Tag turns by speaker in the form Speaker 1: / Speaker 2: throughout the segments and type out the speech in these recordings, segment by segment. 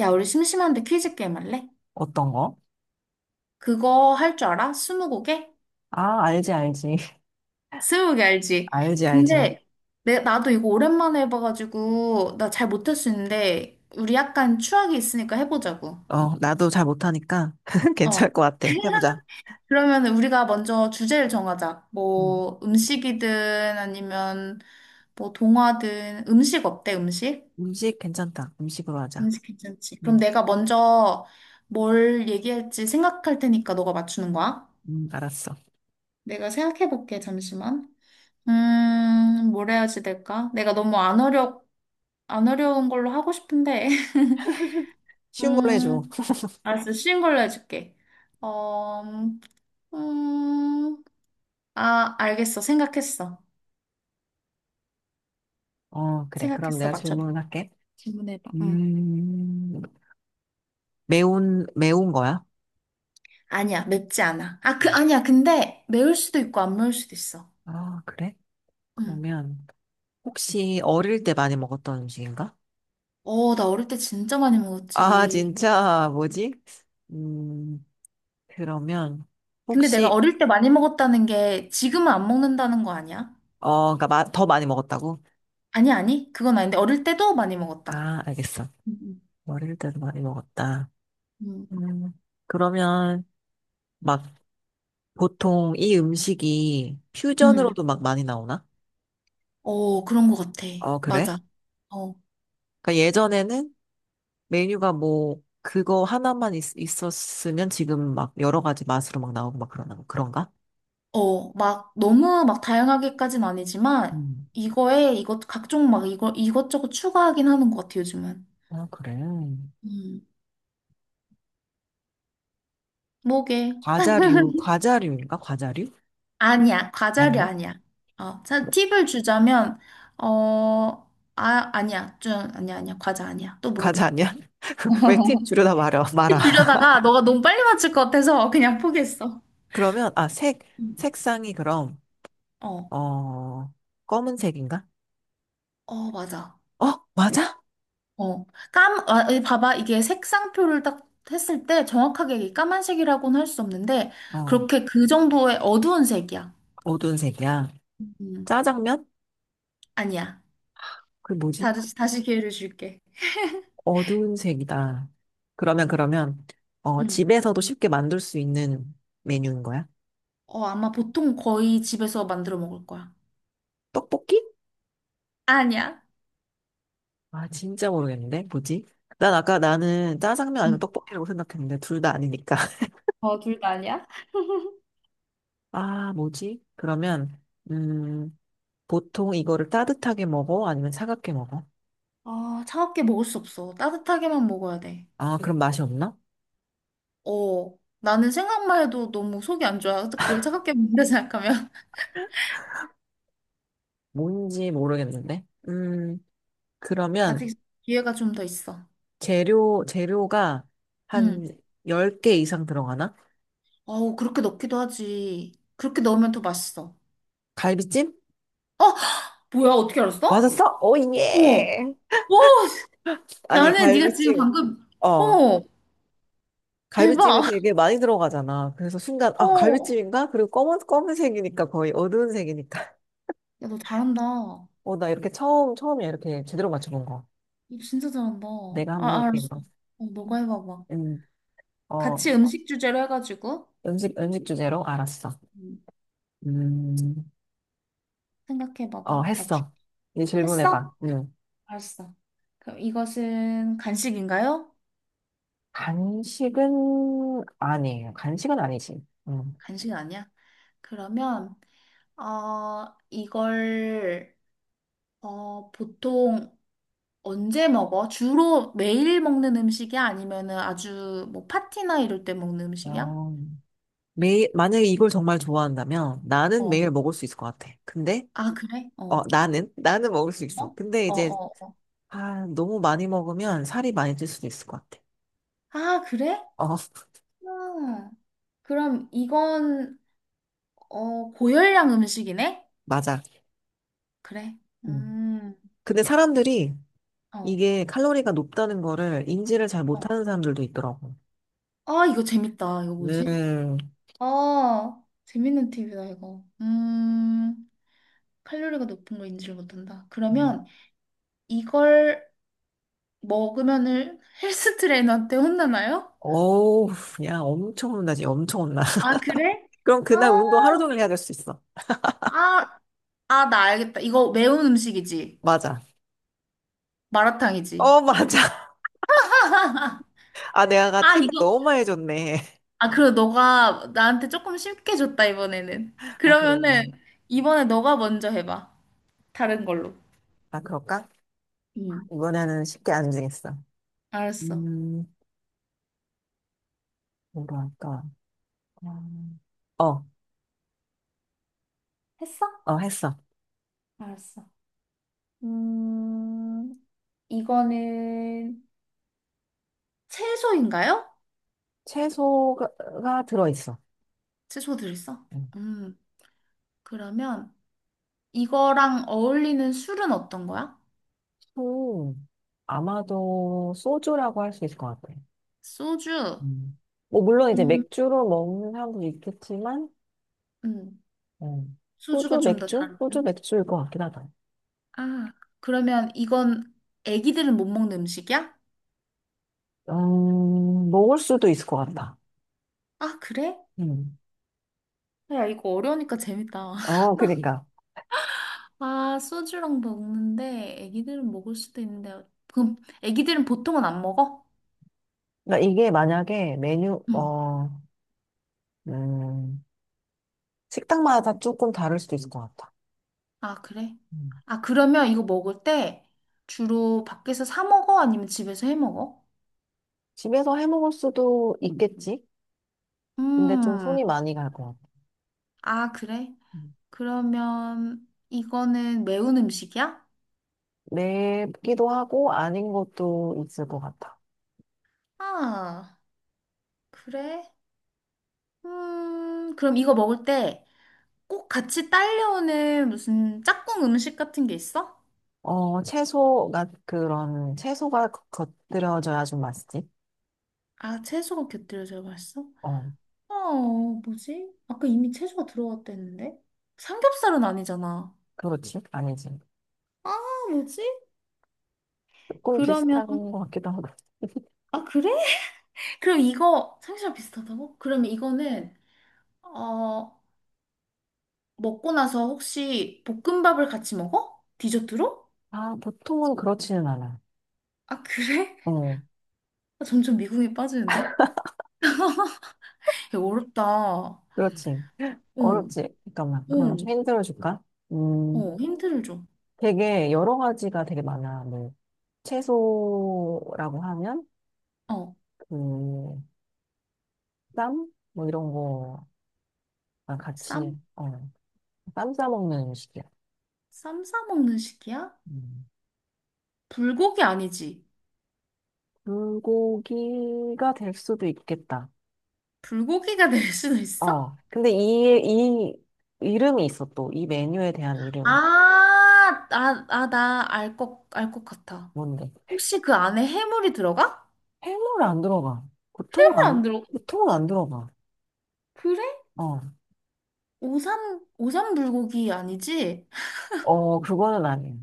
Speaker 1: 야, 우리 심심한데 퀴즈 게임 할래?
Speaker 2: 어떤 거?
Speaker 1: 그거 할 줄 알아? 스무고개?
Speaker 2: 아, 알지, 알지.
Speaker 1: 스무고개 알지?
Speaker 2: 알지, 알지.
Speaker 1: 근데 나도 이거 오랜만에 해봐가지고 나 잘 못할 수 있는데 우리 약간 추억이 있으니까 해보자고.
Speaker 2: 어, 나도 잘 못하니까
Speaker 1: 어.
Speaker 2: 괜찮을 것 같아. 해보자.
Speaker 1: 그러면 우리가 먼저 주제를 정하자.
Speaker 2: 음,
Speaker 1: 뭐 음식이든 아니면 뭐 동화든 음식 어때? 음식?
Speaker 2: 음식 괜찮다. 음식으로 하자.
Speaker 1: 음식 괜찮지? 그럼
Speaker 2: 음,
Speaker 1: 내가 먼저 뭘 얘기할지 생각할 테니까 너가 맞추는 거야?
Speaker 2: 알았어.
Speaker 1: 내가 생각해볼게, 잠시만. 뭘 해야지 될까? 내가 너무 안 어려, 안 어려운 걸로 하고 싶은데.
Speaker 2: 쉬운 걸로 해줘.
Speaker 1: 음, 알았어. 쉬운 걸로 해줄게. 어, 음, 아, 알겠어. 생각했어.
Speaker 2: 어, 그래. 그럼
Speaker 1: 생각했어.
Speaker 2: 내가
Speaker 1: 맞춰봐.
Speaker 2: 질문을 할게.
Speaker 1: 질문해봐. 응.
Speaker 2: 음, 매운 거야?
Speaker 1: 아니야, 맵지 않아. 아니야. 근데 매울 수도 있고 안 매울 수도 있어.
Speaker 2: 아, 그래?
Speaker 1: 응.
Speaker 2: 그러면 혹시 어릴 때 많이 먹었던 음식인가?
Speaker 1: 어, 나 어릴 때 진짜 많이
Speaker 2: 아,
Speaker 1: 먹었지.
Speaker 2: 진짜, 뭐지? 음, 그러면
Speaker 1: 근데 내가
Speaker 2: 혹시,
Speaker 1: 어릴 때 많이 먹었다는 게 지금은 안 먹는다는 거 아니야?
Speaker 2: 어, 그러니까 더 많이 먹었다고?
Speaker 1: 아니, 아니. 그건 아닌데 어릴 때도 많이 먹었다.
Speaker 2: 아, 알겠어.
Speaker 1: 음.
Speaker 2: 어릴 때도 많이 먹었다.
Speaker 1: 음.
Speaker 2: 음, 그러면 막 보통 이 음식이
Speaker 1: 음. 음.
Speaker 2: 퓨전으로도 막 많이 나오나?
Speaker 1: 어, 그런 것 같아.
Speaker 2: 어, 그래?
Speaker 1: 맞아. 어,
Speaker 2: 그러니까 예전에는 메뉴가 뭐 그거 하나만 있었으면 지금 막 여러 가지 맛으로 막 나오고 막 그러나 그런가?
Speaker 1: 어, 너무 다양하게까진 아니지만
Speaker 2: 음.
Speaker 1: 이거에 이것 각종 막 이거 이것저것 추가하긴 하는 것 같아 요즘은.
Speaker 2: 아, 그래.
Speaker 1: 음, 뭐게?
Speaker 2: 과자류, 과자류인가? 과자류?
Speaker 1: 아니야, 과자류
Speaker 2: 아니야?
Speaker 1: 아니야. 어, 자,
Speaker 2: 그
Speaker 1: 팁을 주자면 어, 아, 아니야, 좀 아니야, 아니야, 과자 아니야. 또
Speaker 2: 과자
Speaker 1: 물어봐.
Speaker 2: 아니야? 왜 팁 주려다 말아,
Speaker 1: 팁
Speaker 2: 말아.
Speaker 1: 주려다가 너가 너무 빨리 맞출 것 같아서 그냥 포기했어.
Speaker 2: 그러면,
Speaker 1: 음.
Speaker 2: 색상이 그럼,
Speaker 1: 어,
Speaker 2: 어, 검은색인가?
Speaker 1: 어, 맞아.
Speaker 2: 어, 맞아?
Speaker 1: 어, 아, 이 봐봐. 이게 색상표를 딱 했을 때 정확하게 이 까만색이라고는 할 수 없는데,
Speaker 2: 어,
Speaker 1: 그렇게 그 정도의 어두운 색이야.
Speaker 2: 어두운 색이야.
Speaker 1: 음,
Speaker 2: 짜장면?
Speaker 1: 아니야.
Speaker 2: 그 뭐지?
Speaker 1: 다시 기회를 줄게.
Speaker 2: 어두운 색이다. 그러면, 어,
Speaker 1: 음.
Speaker 2: 집에서도 쉽게 만들 수 있는 메뉴인 거야?
Speaker 1: 어, 아마 보통 거의 집에서 만들어 먹을 거야.
Speaker 2: 떡볶이?
Speaker 1: 아니야.
Speaker 2: 아, 진짜 모르겠는데. 뭐지? 난 아까 나는 짜장면 아니면
Speaker 1: 음.
Speaker 2: 떡볶이라고 생각했는데, 둘 다 아니니까.
Speaker 1: 어, 둘 다 아니야?
Speaker 2: 아, 뭐지? 그러면, 음, 보통 이거를 따뜻하게 먹어? 아니면 차갑게 먹어?
Speaker 1: 아, 차갑게 먹을 수 없어. 따뜻하게만 먹어야 돼.
Speaker 2: 아, 그럼 맛이 없나?
Speaker 1: 어, 나는 생각만 해도 너무 속이 안 좋아. 그걸 차갑게 먹는다 생각하면.
Speaker 2: 뭔지 모르겠는데. 그러면,
Speaker 1: 아직 기회가 좀 더 있어.
Speaker 2: 재료가
Speaker 1: 응.
Speaker 2: 한 10개 이상 들어가나?
Speaker 1: 어우, 그렇게 넣기도 하지. 그렇게 넣으면 더 맛있어.
Speaker 2: 갈비찜?
Speaker 1: 어, 뭐야, 어떻게 알았어?
Speaker 2: 맞았어? 오,
Speaker 1: 어,
Speaker 2: 예!
Speaker 1: 와,
Speaker 2: 아니,
Speaker 1: 나는 네가 지금
Speaker 2: 갈비찜.
Speaker 1: 방금,
Speaker 2: 어,
Speaker 1: 어,
Speaker 2: 갈비찜이
Speaker 1: 대박.
Speaker 2: 되게 많이 들어가잖아. 그래서 순간, 아,
Speaker 1: 어,
Speaker 2: 갈비찜인가? 그리고 검은색이니까 거의 어두운 색이니까.
Speaker 1: 야, 너 잘한다. 너
Speaker 2: 어, 나 이렇게 처음이야. 이렇게 제대로 맞춰본 거.
Speaker 1: 진짜 잘한다.
Speaker 2: 내가 한번
Speaker 1: 아,
Speaker 2: 해볼게,
Speaker 1: 알았어.
Speaker 2: 이거.
Speaker 1: 어, 너가 해봐봐.
Speaker 2: 음, 어,
Speaker 1: 같이 음식 주제로 해가지고,
Speaker 2: 음식 주제로? 알았어.
Speaker 1: 음,
Speaker 2: 음, 어,
Speaker 1: 생각해봐봐. 맞추.
Speaker 2: 했어. 이제
Speaker 1: 했어?
Speaker 2: 질문해봐. 음.
Speaker 1: 알았어. 그럼 이것은 간식인가요?
Speaker 2: 간식은 아니에요. 간식은 아니지. 음.
Speaker 1: 간식 아니야. 그러면, 어, 이걸, 어, 보통, 언제 먹어? 주로 매일 먹는 음식이야? 아니면은 아주 뭐 파티나 이럴 때 먹는 음식이야?
Speaker 2: 어, 매일, 만약에 이걸 정말 좋아한다면 나는
Speaker 1: 어.
Speaker 2: 매일 먹을 수 있을 것 같아. 근데,
Speaker 1: 아, 그래?
Speaker 2: 어,
Speaker 1: 어.
Speaker 2: 나는? 나는 먹을 수 있어.
Speaker 1: 어?
Speaker 2: 근데
Speaker 1: 어,
Speaker 2: 이제,
Speaker 1: 어.
Speaker 2: 아, 너무 많이 먹으면 살이 많이 찔 수도 있을 것 같아.
Speaker 1: 아, 그래?
Speaker 2: 어,
Speaker 1: 음. 그럼 이건, 어, 고열량 음식이네?
Speaker 2: 맞아.
Speaker 1: 그래.
Speaker 2: 음.
Speaker 1: 음.
Speaker 2: 근데 사람들이
Speaker 1: 어.
Speaker 2: 이게 칼로리가 높다는 거를 인지를 잘
Speaker 1: 어.
Speaker 2: 못하는 사람들도 있더라고.
Speaker 1: 아, 이거 재밌다. 이거 뭐지?
Speaker 2: 음,
Speaker 1: 아, 재밌는 팁이다, 이거. 음. 칼로리가 높은 거 인지를 못한다.
Speaker 2: 음.
Speaker 1: 그러면 이걸 먹으면은 헬스 트레이너한테 혼나나요?
Speaker 2: 어우, 야, 엄청 혼나지, 엄청 혼나.
Speaker 1: 아, 그래?
Speaker 2: 그럼
Speaker 1: 아,
Speaker 2: 그날 운동 하루 종일 해야 될 수 있어.
Speaker 1: 아, 아, 나 알겠다. 이거 매운 음식이지.
Speaker 2: 맞아.
Speaker 1: 마라탕이지.
Speaker 2: 어, 맞아. 아, 내가
Speaker 1: 아,
Speaker 2: 팁을
Speaker 1: 이거.
Speaker 2: 너무 많이 줬네.
Speaker 1: 아, 그리고 너가 나한테 조금 쉽게 줬다, 이번에는.
Speaker 2: 아,
Speaker 1: 그러면은,
Speaker 2: 그러네.
Speaker 1: 이번에 너가 먼저 해봐. 다른 걸로.
Speaker 2: 아, 그럴까?
Speaker 1: 응,
Speaker 2: 이번에는 쉽게 안 정했어.
Speaker 1: 알았어.
Speaker 2: 음, 뭐로 할까? 음, 어,
Speaker 1: 했어?
Speaker 2: 어, 했어.
Speaker 1: 알았어. 음, 이거는, 채소인가요?
Speaker 2: 채소가 들어있어.
Speaker 1: 채소 들었어?
Speaker 2: 음,
Speaker 1: 음, 그러면 이거랑 어울리는 술은 어떤 거야?
Speaker 2: 소, 아마도 소주라고 할 수 있을 것 같아.
Speaker 1: 소주.
Speaker 2: 음. 뭐, 물론 이제
Speaker 1: 음.
Speaker 2: 맥주로 먹는 사람도 있겠지만,
Speaker 1: 음.
Speaker 2: 음,
Speaker 1: 소주가
Speaker 2: 소주,
Speaker 1: 좀 더 잘
Speaker 2: 맥주?
Speaker 1: 어울려?
Speaker 2: 소주, 맥주일 것 같긴 하다.
Speaker 1: 아, 그러면 이건 애기들은 못 먹는 음식이야?
Speaker 2: 먹을 수도 있을 것 같다.
Speaker 1: 아, 그래?
Speaker 2: 음.
Speaker 1: 야, 이거 어려우니까 재밌다.
Speaker 2: 어, 그러니까.
Speaker 1: 아, 소주랑 먹는데 애기들은 먹을 수도 있는데 그럼 애기들은 보통은 안 먹어?
Speaker 2: 그러니까 이게 만약에 메뉴,
Speaker 1: 응.
Speaker 2: 어, 음, 식당마다 조금 다를 수도 있을 것 같아.
Speaker 1: 아, 그래? 아, 그러면 이거 먹을 때 주로 밖에서 사 먹어? 아니면 집에서 해 먹어?
Speaker 2: 집에서 해 먹을 수도 있겠지? 근데 좀
Speaker 1: 음.
Speaker 2: 손이 많이 갈 것 같아.
Speaker 1: 아, 그래?
Speaker 2: 음.
Speaker 1: 그러면 이거는 매운 음식이야?
Speaker 2: 맵기도 하고 아닌 것도 있을 것 같아.
Speaker 1: 아, 그래? 그럼 이거 먹을 때 꼭 같이 딸려오는 무슨 짝꿍 음식 같은 게 있어?
Speaker 2: 어, 채소가 겉들여져야 좀 맛있지?
Speaker 1: 아, 채소가 곁들여져 맛있어?
Speaker 2: 어,
Speaker 1: 어, 뭐지? 아까 이미 채소가 들어갔다 했는데? 삼겹살은 아니잖아.
Speaker 2: 그렇지? 아니지.
Speaker 1: 아, 뭐지?
Speaker 2: 조금
Speaker 1: 그러면,
Speaker 2: 비슷한 것 같기도 하고.
Speaker 1: 아, 그래? 그럼 이거, 삼겹살 비슷하다고? 그러면 이거는, 어, 먹고 나서 혹시 볶음밥을 같이 먹어? 디저트로?
Speaker 2: 아, 보통은 그렇지는 않아.
Speaker 1: 아, 그래?
Speaker 2: 어,
Speaker 1: 점점 미궁에 빠지는데? 야, 어렵다. 어,
Speaker 2: 그렇지. 어렵지. 잠깐만. 그러면
Speaker 1: 어,
Speaker 2: 좀 힌트를 줄까? 음,
Speaker 1: 어, 힌트를 줘.
Speaker 2: 되게 여러 가지가 되게 많아. 뭐, 채소라고 하면,
Speaker 1: 어.
Speaker 2: 그, 쌈? 뭐 이런 거랑
Speaker 1: 쌈?
Speaker 2: 같이, 어, 쌈 싸먹는 음식이야.
Speaker 1: 쌈 싸 먹는 식이야?
Speaker 2: 음.
Speaker 1: 불고기 아니지?
Speaker 2: 불고기가 될 수도 있겠다.
Speaker 1: 불고기가 될 수도 있어?
Speaker 2: 어, 근데 이 이름이 있어, 또. 이 메뉴에 대한 이름이.
Speaker 1: 나 알 것, 알 것 같아.
Speaker 2: 뭔데?
Speaker 1: 혹시 그 안에 해물이 들어가?
Speaker 2: 해물 안 들어가. 보통은
Speaker 1: 해물 안
Speaker 2: 안,
Speaker 1: 들어가.
Speaker 2: 보통은 안 들어가.
Speaker 1: 그래?
Speaker 2: 어,
Speaker 1: 오삼, 오삼 불고기 아니지?
Speaker 2: 어, 그거는 아니야.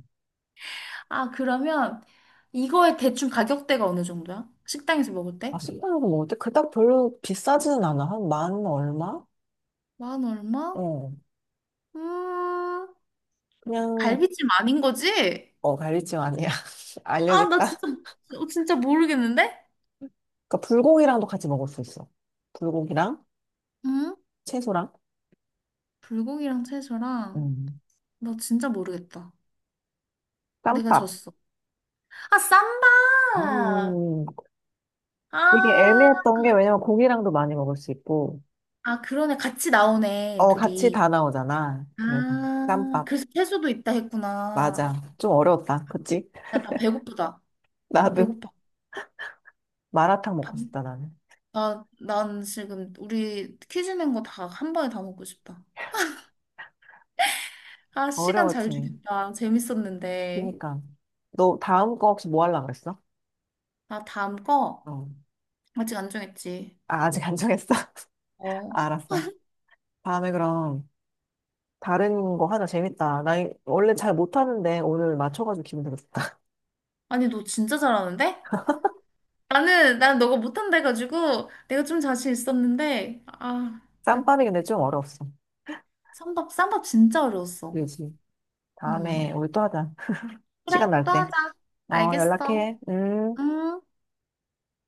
Speaker 1: 아, 그러면 이거의 대충 가격대가 어느 정도야? 식당에서 먹을
Speaker 2: 아,
Speaker 1: 때?
Speaker 2: 식당에서 먹을 때 그닥 별로 비싸지는 않아. 한 만 얼마?
Speaker 1: 만 얼마?
Speaker 2: 어,
Speaker 1: 음,
Speaker 2: 그냥,
Speaker 1: 갈비찜 아닌 거지?
Speaker 2: 어, 갈비찜 아니야.
Speaker 1: 아, 나
Speaker 2: 알려줄까?
Speaker 1: 진짜, 어, 진짜 모르겠는데?
Speaker 2: 그러니까 불고기랑도 같이 먹을 수 있어. 불고기랑
Speaker 1: 응?
Speaker 2: 채소랑
Speaker 1: 불고기랑 채소랑.
Speaker 2: 음.
Speaker 1: 나 진짜 모르겠다. 내가
Speaker 2: 쌈밥.
Speaker 1: 졌어. 아, 쌈박!
Speaker 2: 음. 되게
Speaker 1: 아,
Speaker 2: 애매했던 게 왜냐면 고기랑도 많이 먹을 수 있고
Speaker 1: 아, 그러네. 같이 나오네,
Speaker 2: 어 같이
Speaker 1: 둘이.
Speaker 2: 다 나오잖아. 그래서
Speaker 1: 아,
Speaker 2: 쌈밥
Speaker 1: 그래서 채소도 있다
Speaker 2: 맞아.
Speaker 1: 했구나.
Speaker 2: 좀 어려웠다. 그치?
Speaker 1: 야, 나 배고프다. 나
Speaker 2: 나도
Speaker 1: 배고파.
Speaker 2: 마라탕
Speaker 1: 밥,
Speaker 2: 먹고 싶다 나는.
Speaker 1: 난 지금 우리 퀴즈 낸 거 다 한 번에 다 먹고 싶다. 아, 시간 잘
Speaker 2: 어려웠지.
Speaker 1: 주겠다. 재밌었는데.
Speaker 2: 그러니까 너 다음 거 혹시 뭐 하려고 그랬어?
Speaker 1: 아, 다음 거?
Speaker 2: 어.
Speaker 1: 아직 안 정했지.
Speaker 2: 아, 아직 안 정했어?
Speaker 1: 어.
Speaker 2: 알았어. 다음에 그럼 다른 거 하자. 재밌다. 나 원래 잘 못하는데 오늘 맞춰가지고 기분 되게 좋다.
Speaker 1: 아니, 너 진짜 잘하는데? 나는 난 너가 못한다 해가지고 내가 좀 자신 있었는데 아 나
Speaker 2: 쌈밥이 근데 좀 어려웠어.
Speaker 1: 쌈밥 쌈밥 진짜 어려웠어.
Speaker 2: 그지.
Speaker 1: 응
Speaker 2: 다음에 우리 또 하자.
Speaker 1: 그래
Speaker 2: 시간 날
Speaker 1: 또
Speaker 2: 때.
Speaker 1: 하자.
Speaker 2: 어,
Speaker 1: 알겠어.
Speaker 2: 연락해. 음.
Speaker 1: 음.